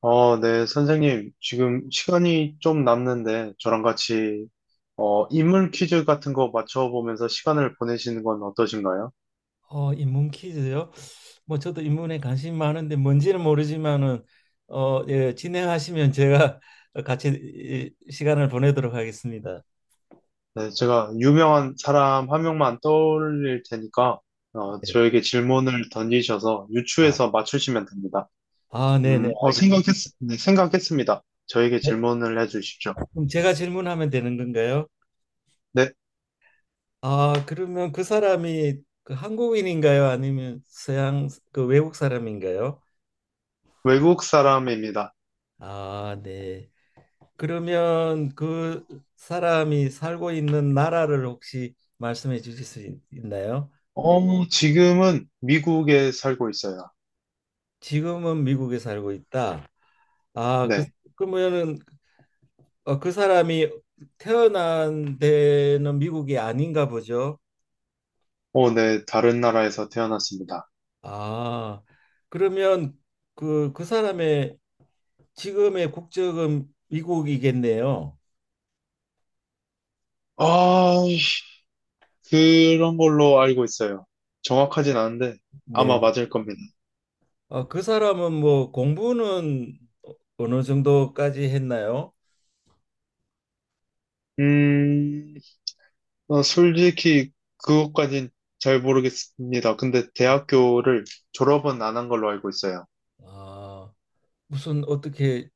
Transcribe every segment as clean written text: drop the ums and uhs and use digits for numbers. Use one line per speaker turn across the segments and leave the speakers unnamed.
선생님. 지금 시간이 좀 남는데 저랑 같이 인물 퀴즈 같은 거 맞춰보면서 시간을 보내시는 건 어떠신가요?
인문 퀴즈요? 뭐 저도 인문에 관심 많은데 뭔지는 모르지만은 예, 진행하시면 제가 같이 시간을 보내도록 하겠습니다.
네, 제가 유명한 사람 한 명만 떠올릴 테니까
네.
저에게 질문을 던지셔서
아,
유추해서 맞추시면 됩니다.
아, 네, 네,
음, 어,
알겠습니다.
생각했, 네, 생각했습니다. 저에게
네,
질문을 해주십시오.
그럼 제가 질문하면 되는 건가요?
네,
아, 그러면 그 사람이 그 한국인인가요? 아니면 서양 그 외국 사람인가요?
외국 사람입니다.
아, 네. 그러면 그 사람이 살고 있는 나라를 혹시 말씀해 주실 수 있나요?
지금은 미국에 살고 있어요.
지금은 미국에 살고 있다. 아, 그
네,
그러면은 그 사람이 태어난 데는 미국이 아닌가 보죠.
네, 다른 나라에서 태어났습니다.
아, 그러면 그 사람의 지금의 국적은 미국이겠네요.
아, 그런 걸로 알고 있어요. 정확하진 않은데
네.
아마 맞을 겁니다.
아, 그 사람은 뭐 공부는 어느 정도까지 했나요?
음, 솔직히 그것까진 잘 모르겠습니다. 근데 대학교를 졸업은 안 한 걸로 알고 있어요.
아, 무슨 어떻게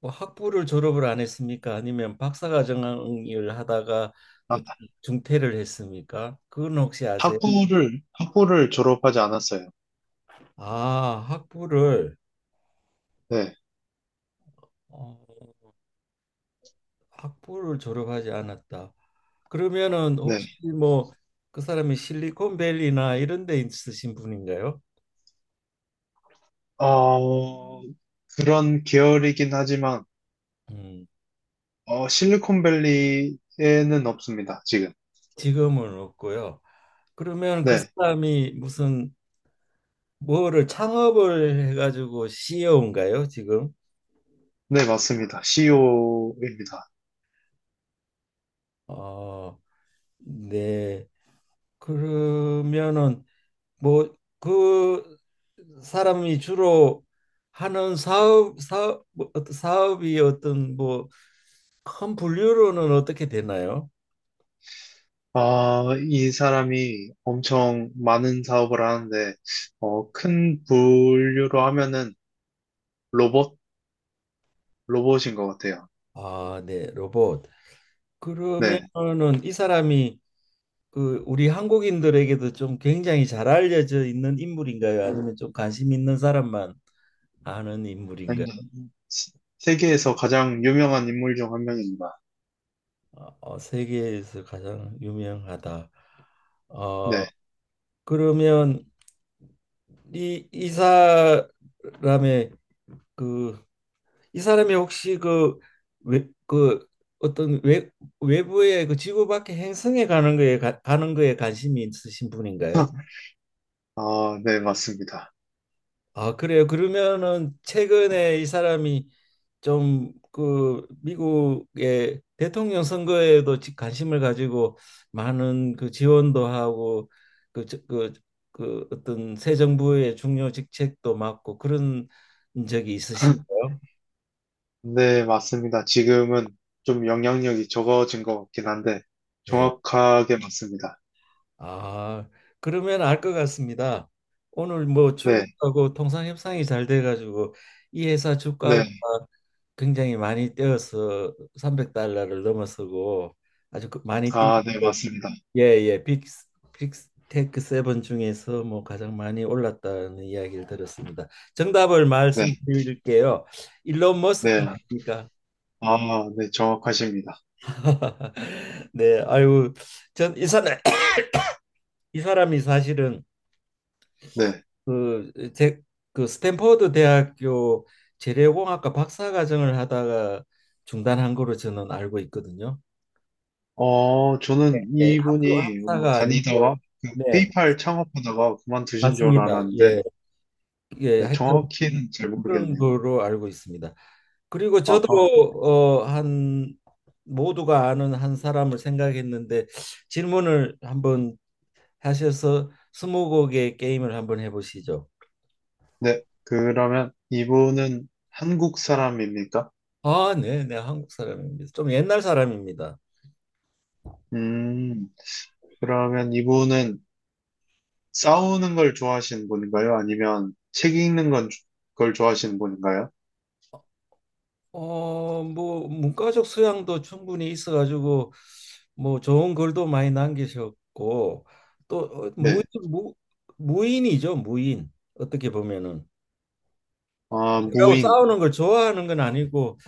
뭐 학부를 졸업을 안 했습니까? 아니면 박사과정을 하다가
아,
또 중퇴를 했습니까? 그건 혹시 아세요?
학부를 졸업하지 않았어요.
아, 학부를
네,
어, 학부를 졸업하지 않았다. 그러면은 혹시
네.
뭐 그 사람이 실리콘밸리나 이런 데 있으신 분인가요?
어, 그런 계열이긴 하지만,
음,
실리콘밸리에는 없습니다, 지금.
지금은 없고요. 그러면 그
네,
사람이 무슨 뭐를 창업을 해가지고 CEO인가요, 지금?
네, 맞습니다. CEO입니다.
어, 네. 그러면은 뭐 그 사람이 주로 하는 사업 뭐 어떤 사업이 어떤 뭐 큰 분류로는 어떻게 되나요?
아, 이 사람이 엄청 많은 사업을 하는데, 큰 분류로 하면은 로봇, 로봇인 것 같아요.
아, 네, 로봇.
네.
그러면은 이 사람이 그 우리 한국인들에게도 좀 굉장히 잘 알려져 있는 인물인가요? 아니면 좀 관심 있는 사람만 아는
아니,
인물인가요?
시- 세계에서 가장 유명한 인물 중 한 명입니다.
어, 어, 세계에서 가장 유명하다. 어,
네.
그러면 이 사람의 그 이 사람이 혹시 그, 외, 그 어떤 외, 외부의 그 지구 밖의 행성에 가는 거에 가는 거에 관심이 있으신 분인가요?
아, 네, 맞습니다.
아, 그래요. 그러면은 최근에 이 사람이 좀 그 미국의 대통령 선거에도 관심을 가지고 많은 그 지원도 하고 그, 저- 그, 그 어떤 새 정부의 중요 직책도 맡고 그런 적이 있으신가요?
네, 맞습니다. 지금은 좀 영향력이 적어진 것 같긴 한데,
네.
정확하게 맞습니다.
아, 그러면 알 것 같습니다. 오늘 뭐
네,
중국하고 통상 협상이 잘 돼가지고 이 회사 주가가
네.
굉장히 많이 뛰어서 300달러를 넘어서고 아주 많이 뛰는
아, 네, 맞습니다.
예예 빅 빅테크 세븐 중에서 뭐 가장 많이 올랐다는 이야기를 들었습니다. 정답을
네,
말씀드릴게요. 일론 머스크
네.
아닙니까?
아, 네, 정확하십니다.
네, 아유 전 이 사람 이 사람이 사실은
네.
그, 제, 그 스탠퍼드 대학교 재료공학과 박사과정을 하다가 중단한 거로 저는 알고 있거든요.
어, 저는
예, 학교
이분이 뭐
학사가
다니다가
아니고,
그
네,
페이팔 창업하다가 그만두신 줄
맞습니다.
알았는데
예, 예,
네,
하여튼
정확히는 잘
그런
모르겠네요.
거로 알고 있습니다. 그리고 저도
아하.
한 모두가 아는 한 사람을 생각했는데 질문을 한번 하셔서 스무고개 게임을 한번 해보시죠.
네, 그러면 이분은 한국 사람입니까?
아, 네, 네, 한국 사람입니다. 좀 옛날 사람입니다.
음, 그러면 이분은 싸우는 걸 좋아하시는 분인가요? 아니면 걸 좋아하시는 분인가요?
뭐 문과적 소양도 충분히 있어가지고 뭐 좋은 글도 많이 남기셨고 또
네.
무인이죠 무인 어떻게 보면은
아,
그리고
무인.
싸우는 걸 좋아하는 건 아니고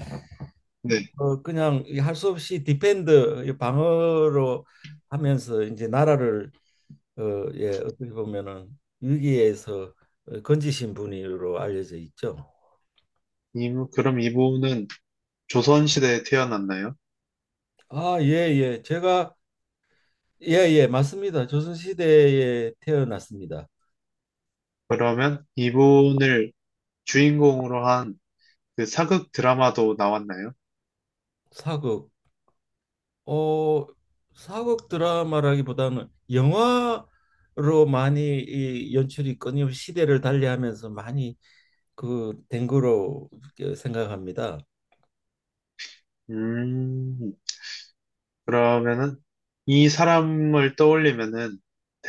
네.
그냥 할 수 없이 디펜드 이 방어로 하면서 이제 나라를 어, 예 어떻게 보면은 위기에서 건지신 분으로 알려져 있죠.
그럼 이분은 조선시대에 태어났나요?
아, 예, 예. 제가 예, 예, 맞습니다. 조선시대에 태어났습니다.
그러면 이분을 주인공으로 한 그 사극 드라마도 나왔나요?
사극, 어, 사극 드라마라기보다는 영화로 많이 이 연출이 끊임없이 시대를 달리하면서 많이 그 된 거로 그 생각합니다.
음, 그러면은 이 사람을 떠올리면은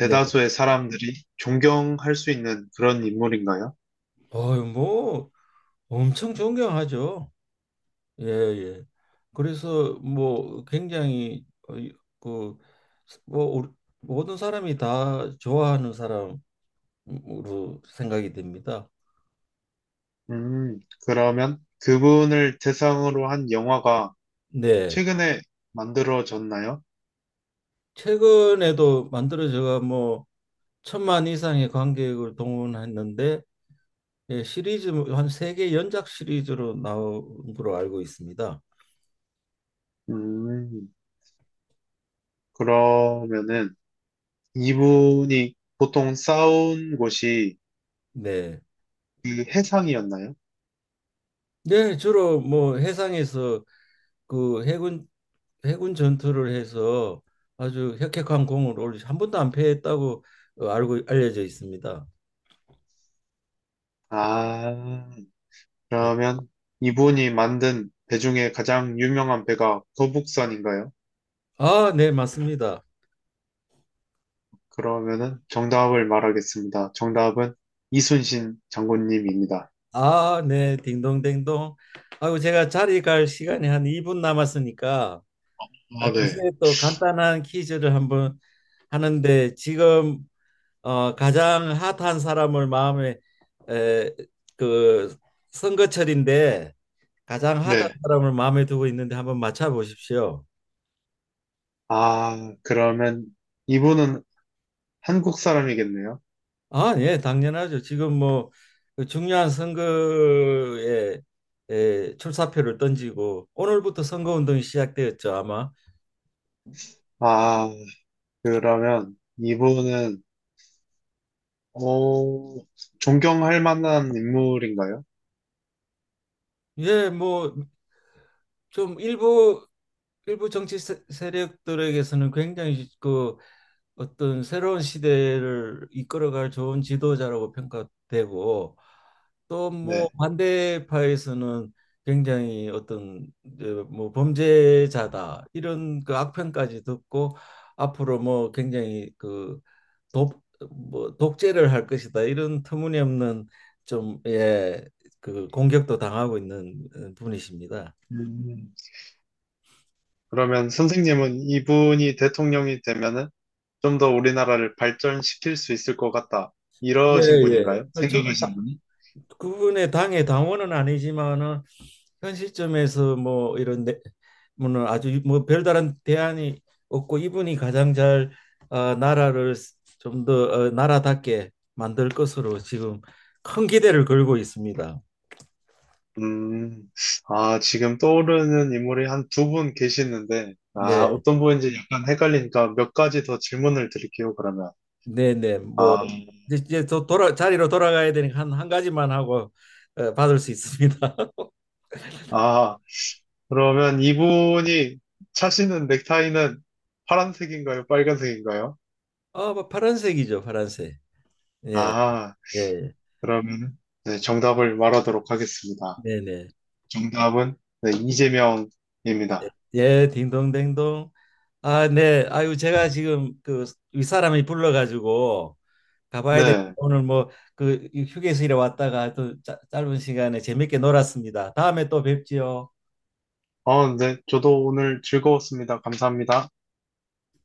네.
사람들이 존경할 수 있는 그런 인물인가요?
어유, 뭐 엄청 존경하죠. 예, 예. 그래서 뭐 굉장히 그 뭐, 모든 사람이 다 좋아하는 사람으로 생각이 됩니다.
음, 그러면 그분을 대상으로 한 영화가
네.
최근에 만들어졌나요?
최근에도 만들어져가 뭐 천만 이상의 관객을 동원했는데 예, 시리즈 뭐 한세 개 연작 시리즈로 나온 걸로 알고 있습니다.
음, 그러면은 이분이 보통 싸운 곳이
네.
그 해상이었나요?
네, 주로 뭐 해상에서 그 해군 전투를 해서 아주 혁혁한 공을 올리 한 번도 안 패했다고 알고 알려져 있습니다.
아,
네.
그러면 이분이 만든 배 중에 가장 유명한 배가 도북선인가요?
아, 네, 맞습니다.
그러면은 정답을 말하겠습니다. 정답은 이순신 장군님입니다.
아, 네, 딩동댕동. 아이고 제가 자리 갈 시간이 한 2분 남았으니까 아,
아, 네.
글쎄 또 간단한 퀴즈를 한번 하는데 지금 가장 핫한 사람을 마음에 에, 그 선거철인데 가장 핫한
네.
사람을 마음에 두고 있는데 한번 맞춰 보십시오.
아, 그러면 이분은 한국 사람이겠네요.
아, 예, 당연하죠. 지금 뭐그 중요한 선거에 에, 출사표를 던지고 오늘부터 선거 운동이 시작되었죠, 아마.
아, 그러면 어, 존경할 만한 인물인가요?
예, 뭐 좀 일부 일부 정치 세력들에게서는 굉장히 그 어떤 새로운 시대를 이끌어갈 좋은 지도자라고 평가되고 또 뭐
네.
반대파에서는 굉장히 어떤 이제 뭐 범죄자다 이런 그 악평까지 듣고 앞으로 뭐 굉장히 그 독 뭐 독재를 할 것이다 이런 터무니없는 좀 예 그 공격도 당하고 있는 분이십니다.
음, 그러면 선생님은 이분이 대통령이 되면은 좀 더 우리나라를 발전시킬 수 있을 것 같다.
예,
이러신 분인가요?
예. 저는
생각하신 분이?
그분의 당의 당원은 아니지만은 현 시점에서 뭐 이런 뭐는 아주 뭐 별다른 대안이 없고 이분이 가장 잘 나라를 좀 더 나라답게 만들 것으로 지금 큰 기대를 걸고 있습니다.
음, 아, 지금 떠오르는 인물이 한 두 분 계시는데, 아,
네,
어떤 분인지 약간 헷갈리니까 몇 가지 더 질문을 드릴게요, 그러면.
네, 네. 뭐
아,
이제 또 돌아 자리로 돌아가야 되니까 한 가지만 하고 받을 수 있습니다.
아, 그러면 이분이 차시는 넥타이는 파란색인가요? 빨간색인가요?
아, 뭐 파란색이죠, 파란색. 네,
아,
네,
그러면 네, 정답을 말하도록 하겠습니다.
네, 네.
정답은, 네, 이재명입니다.
예, 딩동댕동. 아, 네. 아유, 제가 지금 그 윗사람이 불러가지고 가봐야 될
네.
오늘 뭐 그 휴게실에 왔다가 또 짧은 시간에 재밌게 놀았습니다. 다음에 또 뵙지요.
어, 네, 저도 오늘 즐거웠습니다. 감사합니다.